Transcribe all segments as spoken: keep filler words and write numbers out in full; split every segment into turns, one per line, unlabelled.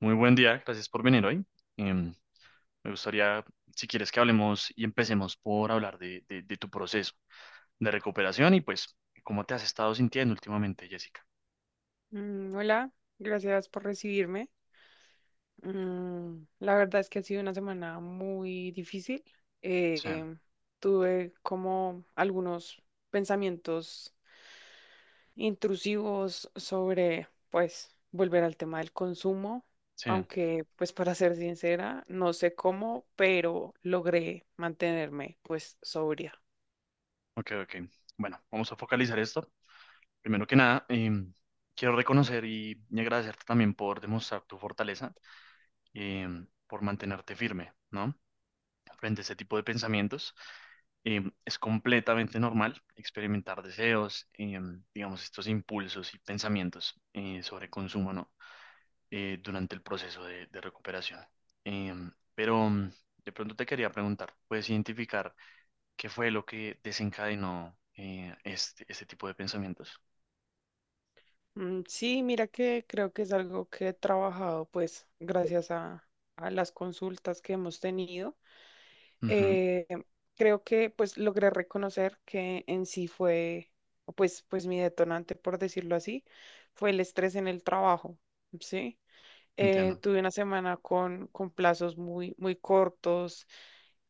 Muy buen día, gracias por venir hoy. Em, me gustaría, si quieres, que hablemos y empecemos por hablar de, de- de tu proceso de recuperación y pues cómo te has estado sintiendo últimamente, Jessica.
Mm, hola, gracias por recibirme. Mm, la verdad es que ha sido una semana muy difícil.
Sí,
Eh, Tuve como algunos pensamientos intrusivos sobre, pues, volver al tema del consumo,
sí,
aunque, pues, para ser sincera, no sé cómo, pero logré mantenerme, pues, sobria.
ok, ok. Bueno, vamos a focalizar esto. Primero que nada, em, quiero reconocer y, y agradecerte también por demostrar tu fortaleza, em, por mantenerte firme, ¿no?, frente a ese tipo de pensamientos. Eh, es completamente normal experimentar deseos, eh, digamos, estos impulsos y pensamientos eh, sobre consumo, ¿no? Eh, durante el proceso de, de recuperación. Eh, pero mm, de pronto te quería preguntar, ¿puedes identificar qué fue lo que desencadenó eh, este, este tipo de pensamientos?
Mm, sí, mira que creo que es algo que he trabajado, pues, gracias a a las consultas que hemos tenido.
Ujú,
eh, Creo que pues logré reconocer que en sí fue, o pues, pues mi detonante, por decirlo así, fue el estrés en el trabajo, ¿sí? Eh,
entiendo,
tuve una semana con, con plazos muy, muy cortos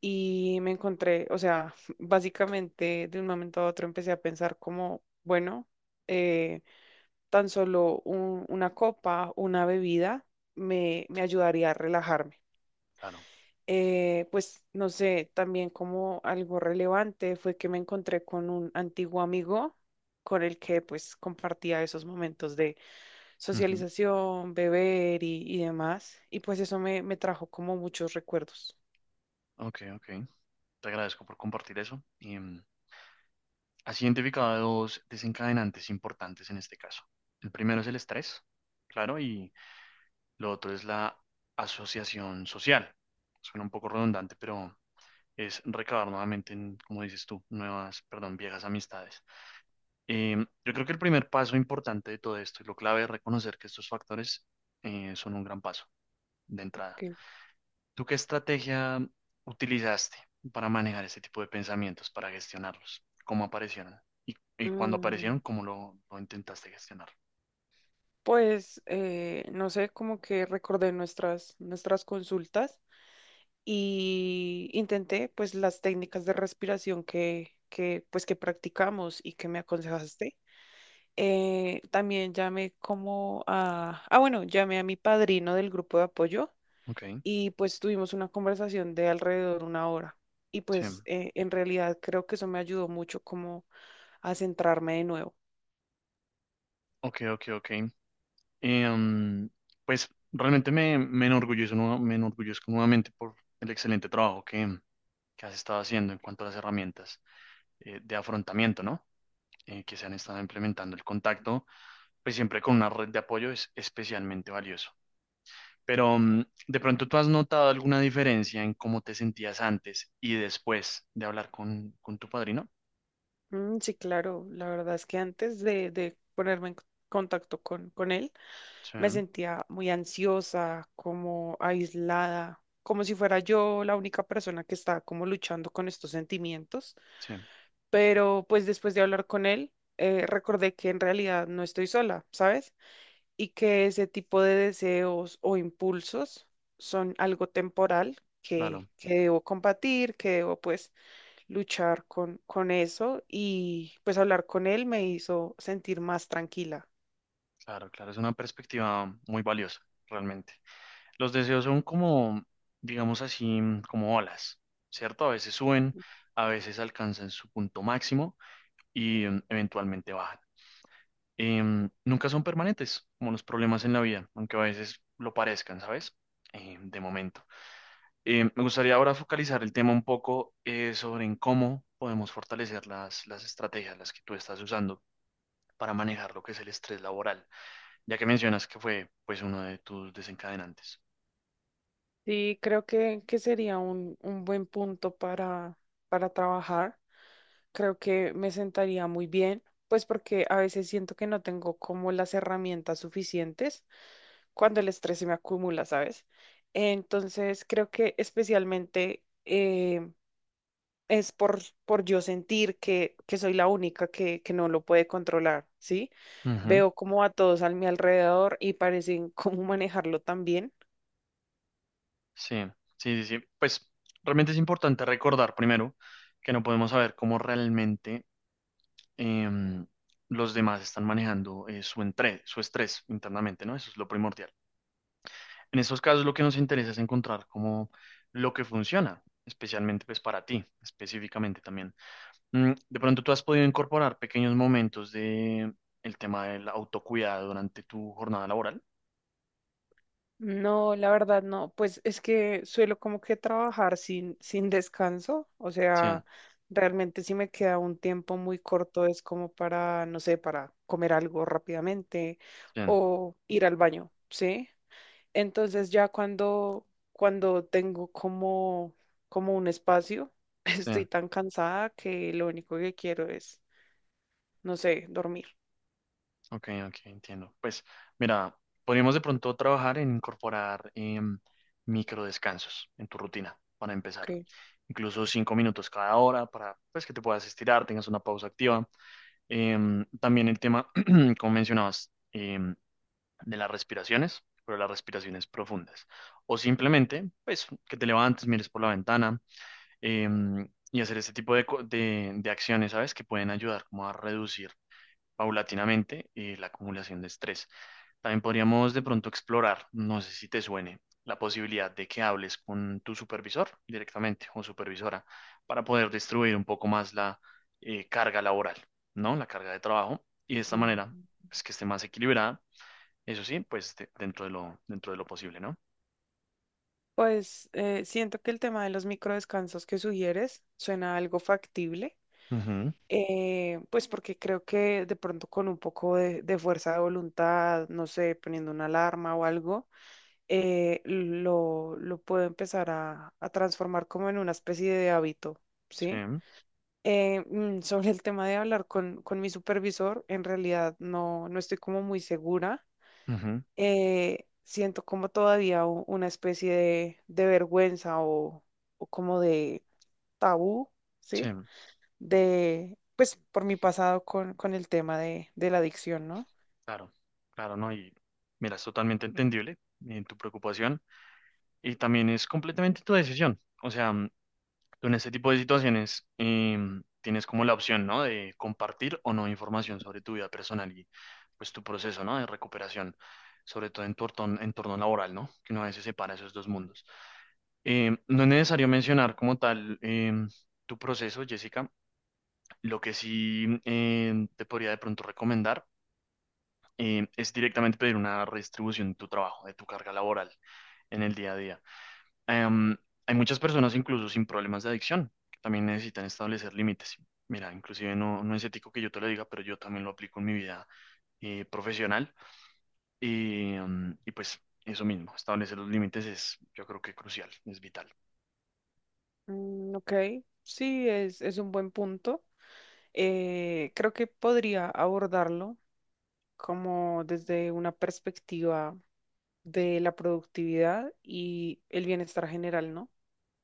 y me encontré, o sea, básicamente de un momento a otro empecé a pensar como, bueno, eh, tan solo un- una copa, una bebida, me, me ayudaría a relajarme.
claro.
Eh, pues no sé, también como algo relevante fue que me encontré con un antiguo amigo con el que pues compartía esos momentos de
Ujú,
socialización, beber y, y demás. Y pues eso me, me trajo como muchos recuerdos.
ok, ok. Te agradezco por compartir eso. Y, mm, has identificado dos desencadenantes importantes en este caso. El primero es el estrés, claro, y lo otro es la asociación social. Suena un poco redundante, pero es recabar nuevamente, en, como dices tú, nuevas, perdón, viejas amistades. Eh, yo creo que el primer paso importante de todo esto y lo clave es reconocer que estos factores eh, son un gran paso de entrada.
que,
¿Tú qué estrategia utilizaste para manejar ese tipo de pensamientos, para gestionarlos? ¿Cómo aparecieron? Y, y cuando
mm,
aparecieron, ¿cómo lo, lo intentaste gestionar?
pues eh, no sé, como que recordé nuestras, nuestras consultas y intenté pues las técnicas de respiración que, que pues que practicamos y que me aconsejaste. Eh, también llamé como a, ah, bueno, llamé a mi padrino del grupo de apoyo
Ok,
y pues tuvimos una conversación de alrededor una hora. Y
sí.
pues eh, en realidad creo que eso me ayudó mucho como a centrarme de nuevo.
Ok, ok, ok. Em, pues realmente me, me enorgullezco, nue- me enorgullezco nuevamente por el excelente trabajo que, que has estado haciendo en cuanto a las herramientas eh, de afrontamiento, ¿no? Eh, que se han estado implementando. El contacto, pues siempre con una red de apoyo es especialmente valioso. Pero mm, de pronto tú has notado alguna diferencia en cómo te sentías antes y después de hablar con, con tu padrino.
Mm, sí, claro, la verdad es que antes de, de ponerme en c- contacto con, con él,
Sí,
me sentía muy ansiosa, como aislada, como si fuera yo la única persona que estaba como luchando con estos sentimientos.
sí,
Pero pues después de hablar con él, eh, recordé que en realidad no estoy sola, ¿sabes? Y que ese tipo de deseos o impulsos son algo temporal
claro,
que, que debo combatir, que debo pues luchar con, con eso y pues hablar con él me hizo sentir más tranquila.
claro, claro. Es una perspectiva muy valiosa, realmente. Los deseos son como, digamos así, mm, como olas, ¿cierto? A veces suben, a veces alcanzan su punto máximo y mm, eventualmente bajan. Em, nunca son permanentes, como los problemas en la vida, aunque a veces lo parezcan, ¿sabes? Em, de momento. Eh, me gustaría ahora focalizar el tema un poco eh, sobre en cómo podemos fortalecer las, las estrategias, las que tú estás usando para manejar lo que es el estrés laboral, ya que mencionas que fue pues uno de tus desencadenantes.
Sí, creo que, que sería un, un buen punto para, para trabajar. Creo que me sentaría muy bien, pues porque a veces siento que no tengo como las herramientas suficientes cuando el estrés se me acumula, ¿sabes? Entonces, creo que especialmente eh, es por, por yo sentir que, que soy la única que, que no lo puede controlar, ¿sí?
Ujú.
Veo como a todos a mi alrededor y parecen cómo manejarlo también.
Sí, sí, sí, sí. Pues realmente es importante recordar primero que no podemos saber cómo realmente em, los demás están manejando eh, su, entre- su estrés internamente, ¿no? Eso es lo primordial. En estos casos lo que nos interesa es encontrar como lo que funciona, especialmente pues para ti, específicamente también. Mm, De pronto tú has podido incorporar pequeños momentos de el tema del autocuidado durante tu jornada laboral.
No, la verdad no, pues es que suelo como que trabajar sin, sin descanso, o
Sí,
sea, realmente si me queda un tiempo muy corto es como para, no sé, para comer algo rápidamente
sí,
o ir al baño, ¿sí? Entonces ya cuando, cuando tengo como, como un espacio,
sí.
estoy tan cansada que lo único que quiero es, no sé, dormir.
Ok, ok, entiendo. Pues mira, podríamos de pronto trabajar en incorporar em, microdescansos en tu rutina para empezar.
Ok.
Incluso cinco minutos cada hora para pues que te puedas estirar, tengas una pausa activa. Em, también el tema, como mencionabas, em, de las respiraciones, pero las respiraciones profundas. O simplemente, pues, que te levantes, mires por la ventana em, y hacer este tipo de, co- de, de acciones, ¿sabes? Que pueden ayudar como a reducir paulatinamente eh, la acumulación de estrés. También podríamos de pronto explorar, no sé si te suene, la posibilidad de que hables con tu supervisor directamente o supervisora para poder distribuir un poco más la eh, carga laboral, ¿no? La carga de trabajo y de esta
Ujú.
manera, pues que esté más equilibrada, eso sí, pues de- dentro de lo, dentro de lo posible, ¿no?
Pues eh, siento que el tema de los microdescansos que sugieres suena algo factible,
Ujú,
eh, pues porque creo que de pronto con un poco de, de fuerza de voluntad, no sé, poniendo una alarma o algo, eh, lo, lo puedo empezar a, a transformar como en una especie de hábito, ¿sí?
sí,
Eh, mm, sobre el tema de hablar con, con mi supervisor, en realidad no, no estoy como muy segura,
ujú,
eh, siento como todavía u- una especie de, de vergüenza o, o como de tabú,
sí,
¿sí? De, pues por mi pasado con, con el tema de, de la adicción, ¿no?
claro, claro, ¿no? Y mira, es totalmente entendible en tu preocupación y también es completamente tu decisión. O sea, tú en este tipo de situaciones em, tienes como la opción, ¿no?, de compartir o no información sobre tu vida personal y pues tu proceso, ¿no?, de recuperación, sobre todo en tu entorno, entorno laboral, ¿no? Que uno a veces separa esos dos mundos. Em, no es necesario mencionar como tal em, tu proceso, Jessica. Lo que sí em, te podría de pronto recomendar em, es directamente pedir una redistribución de tu trabajo, de tu carga laboral en el día a día. Em, hay muchas personas incluso sin problemas de adicción que también necesitan establecer límites. Mira, inclusive no, no es ético que yo te lo diga, pero yo también lo aplico en mi vida eh, profesional y, em, y pues eso mismo, establecer los límites es yo creo que crucial, es vital.
Mm, ok, sí, es, es un buen punto. Eh, creo que podría abordarlo como desde una perspectiva de la productividad y el bienestar general, ¿no?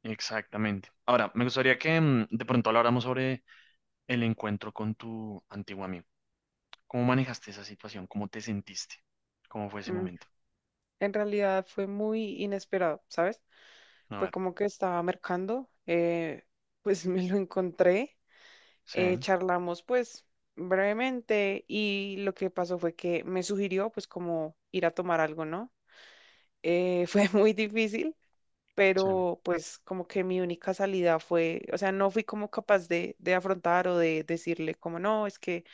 Exactamente. Ahora, me gustaría que em, de pronto habláramos sobre el encuentro con tu antiguo amigo. ¿Cómo manejaste esa situación? ¿Cómo te sentiste? ¿Cómo fue ese
Mm,
momento?
en realidad fue muy inesperado, ¿sabes?
A
Fue
ver.
como que estaba mercando, eh, pues me lo encontré,
Sí,
eh, charlamos pues brevemente y lo que pasó fue que me sugirió pues como ir a tomar algo, ¿no? Eh, fue muy difícil,
sí,
pero pues como que mi única salida fue, o sea, no fui como capaz de, de afrontar o de decirle como no, es que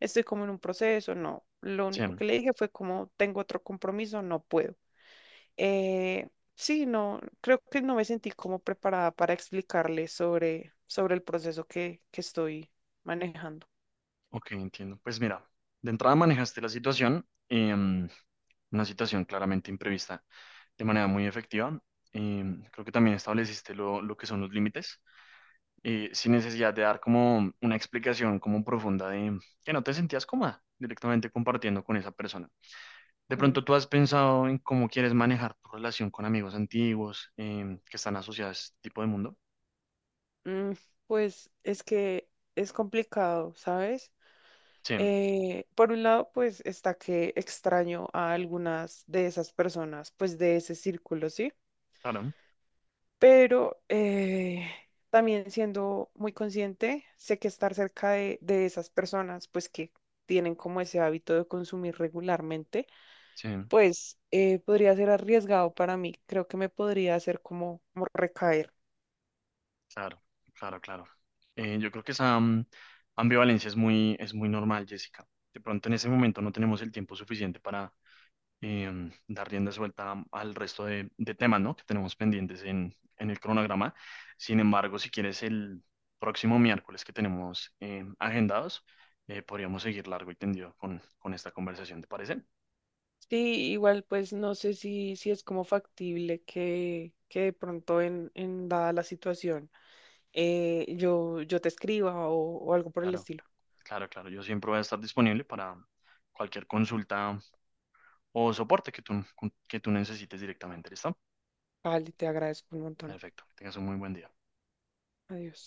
estoy como en un proceso, no, lo
sí.
único que le dije fue como tengo otro compromiso, no puedo. Eh, sí, no, creo que no me sentí como preparada para explicarle sobre, sobre el proceso que, que estoy manejando.
Ok, entiendo. Pues mira, de entrada manejaste la situación, em, una situación claramente imprevista, de manera muy efectiva. Em, creo que también estableciste lo, lo que son los límites, eh, sin necesidad de dar como una explicación como profunda de que no te sentías cómoda directamente compartiendo con esa persona. De
Ok.
pronto tú has pensado en cómo quieres manejar tu relación con amigos antiguos em, que están asociados a este tipo de mundo.
Mm, pues es que es complicado, ¿sabes?
Sí,
Eh, por un lado, pues está que extraño a algunas de esas personas, pues de ese círculo, ¿sí?
claro,
Pero eh, también siendo muy consciente, sé que estar cerca de, de esas personas, pues que tienen como ese hábito de consumir regularmente
sí.
pues eh, podría ser arriesgado para mí. Creo que me podría hacer como, como recaer.
Claro, claro, claro. Eh, yo creo que esa mm, ambivalencia es muy, es muy normal, Jessica. De pronto en ese momento no tenemos el tiempo suficiente para em, dar rienda suelta mm, al resto de, de temas, ¿no?, que tenemos pendientes en, en el cronograma. Sin embargo, si quieres el próximo miércoles que tenemos em, agendados, eh, podríamos seguir largo y tendido con, con esta conversación, ¿te parece?
Sí, igual pues no sé si, si es como factible que, que de pronto en, en dada la situación, eh, yo, yo te escriba o, o algo por el
Claro,
estilo.
claro, claro. Yo siempre voy a estar disponible para cualquier consulta o soporte que tú, que tú necesites directamente, ¿listo?
Vale, te agradezco un montón.
Perfecto. Que tengas un muy buen día.
Adiós.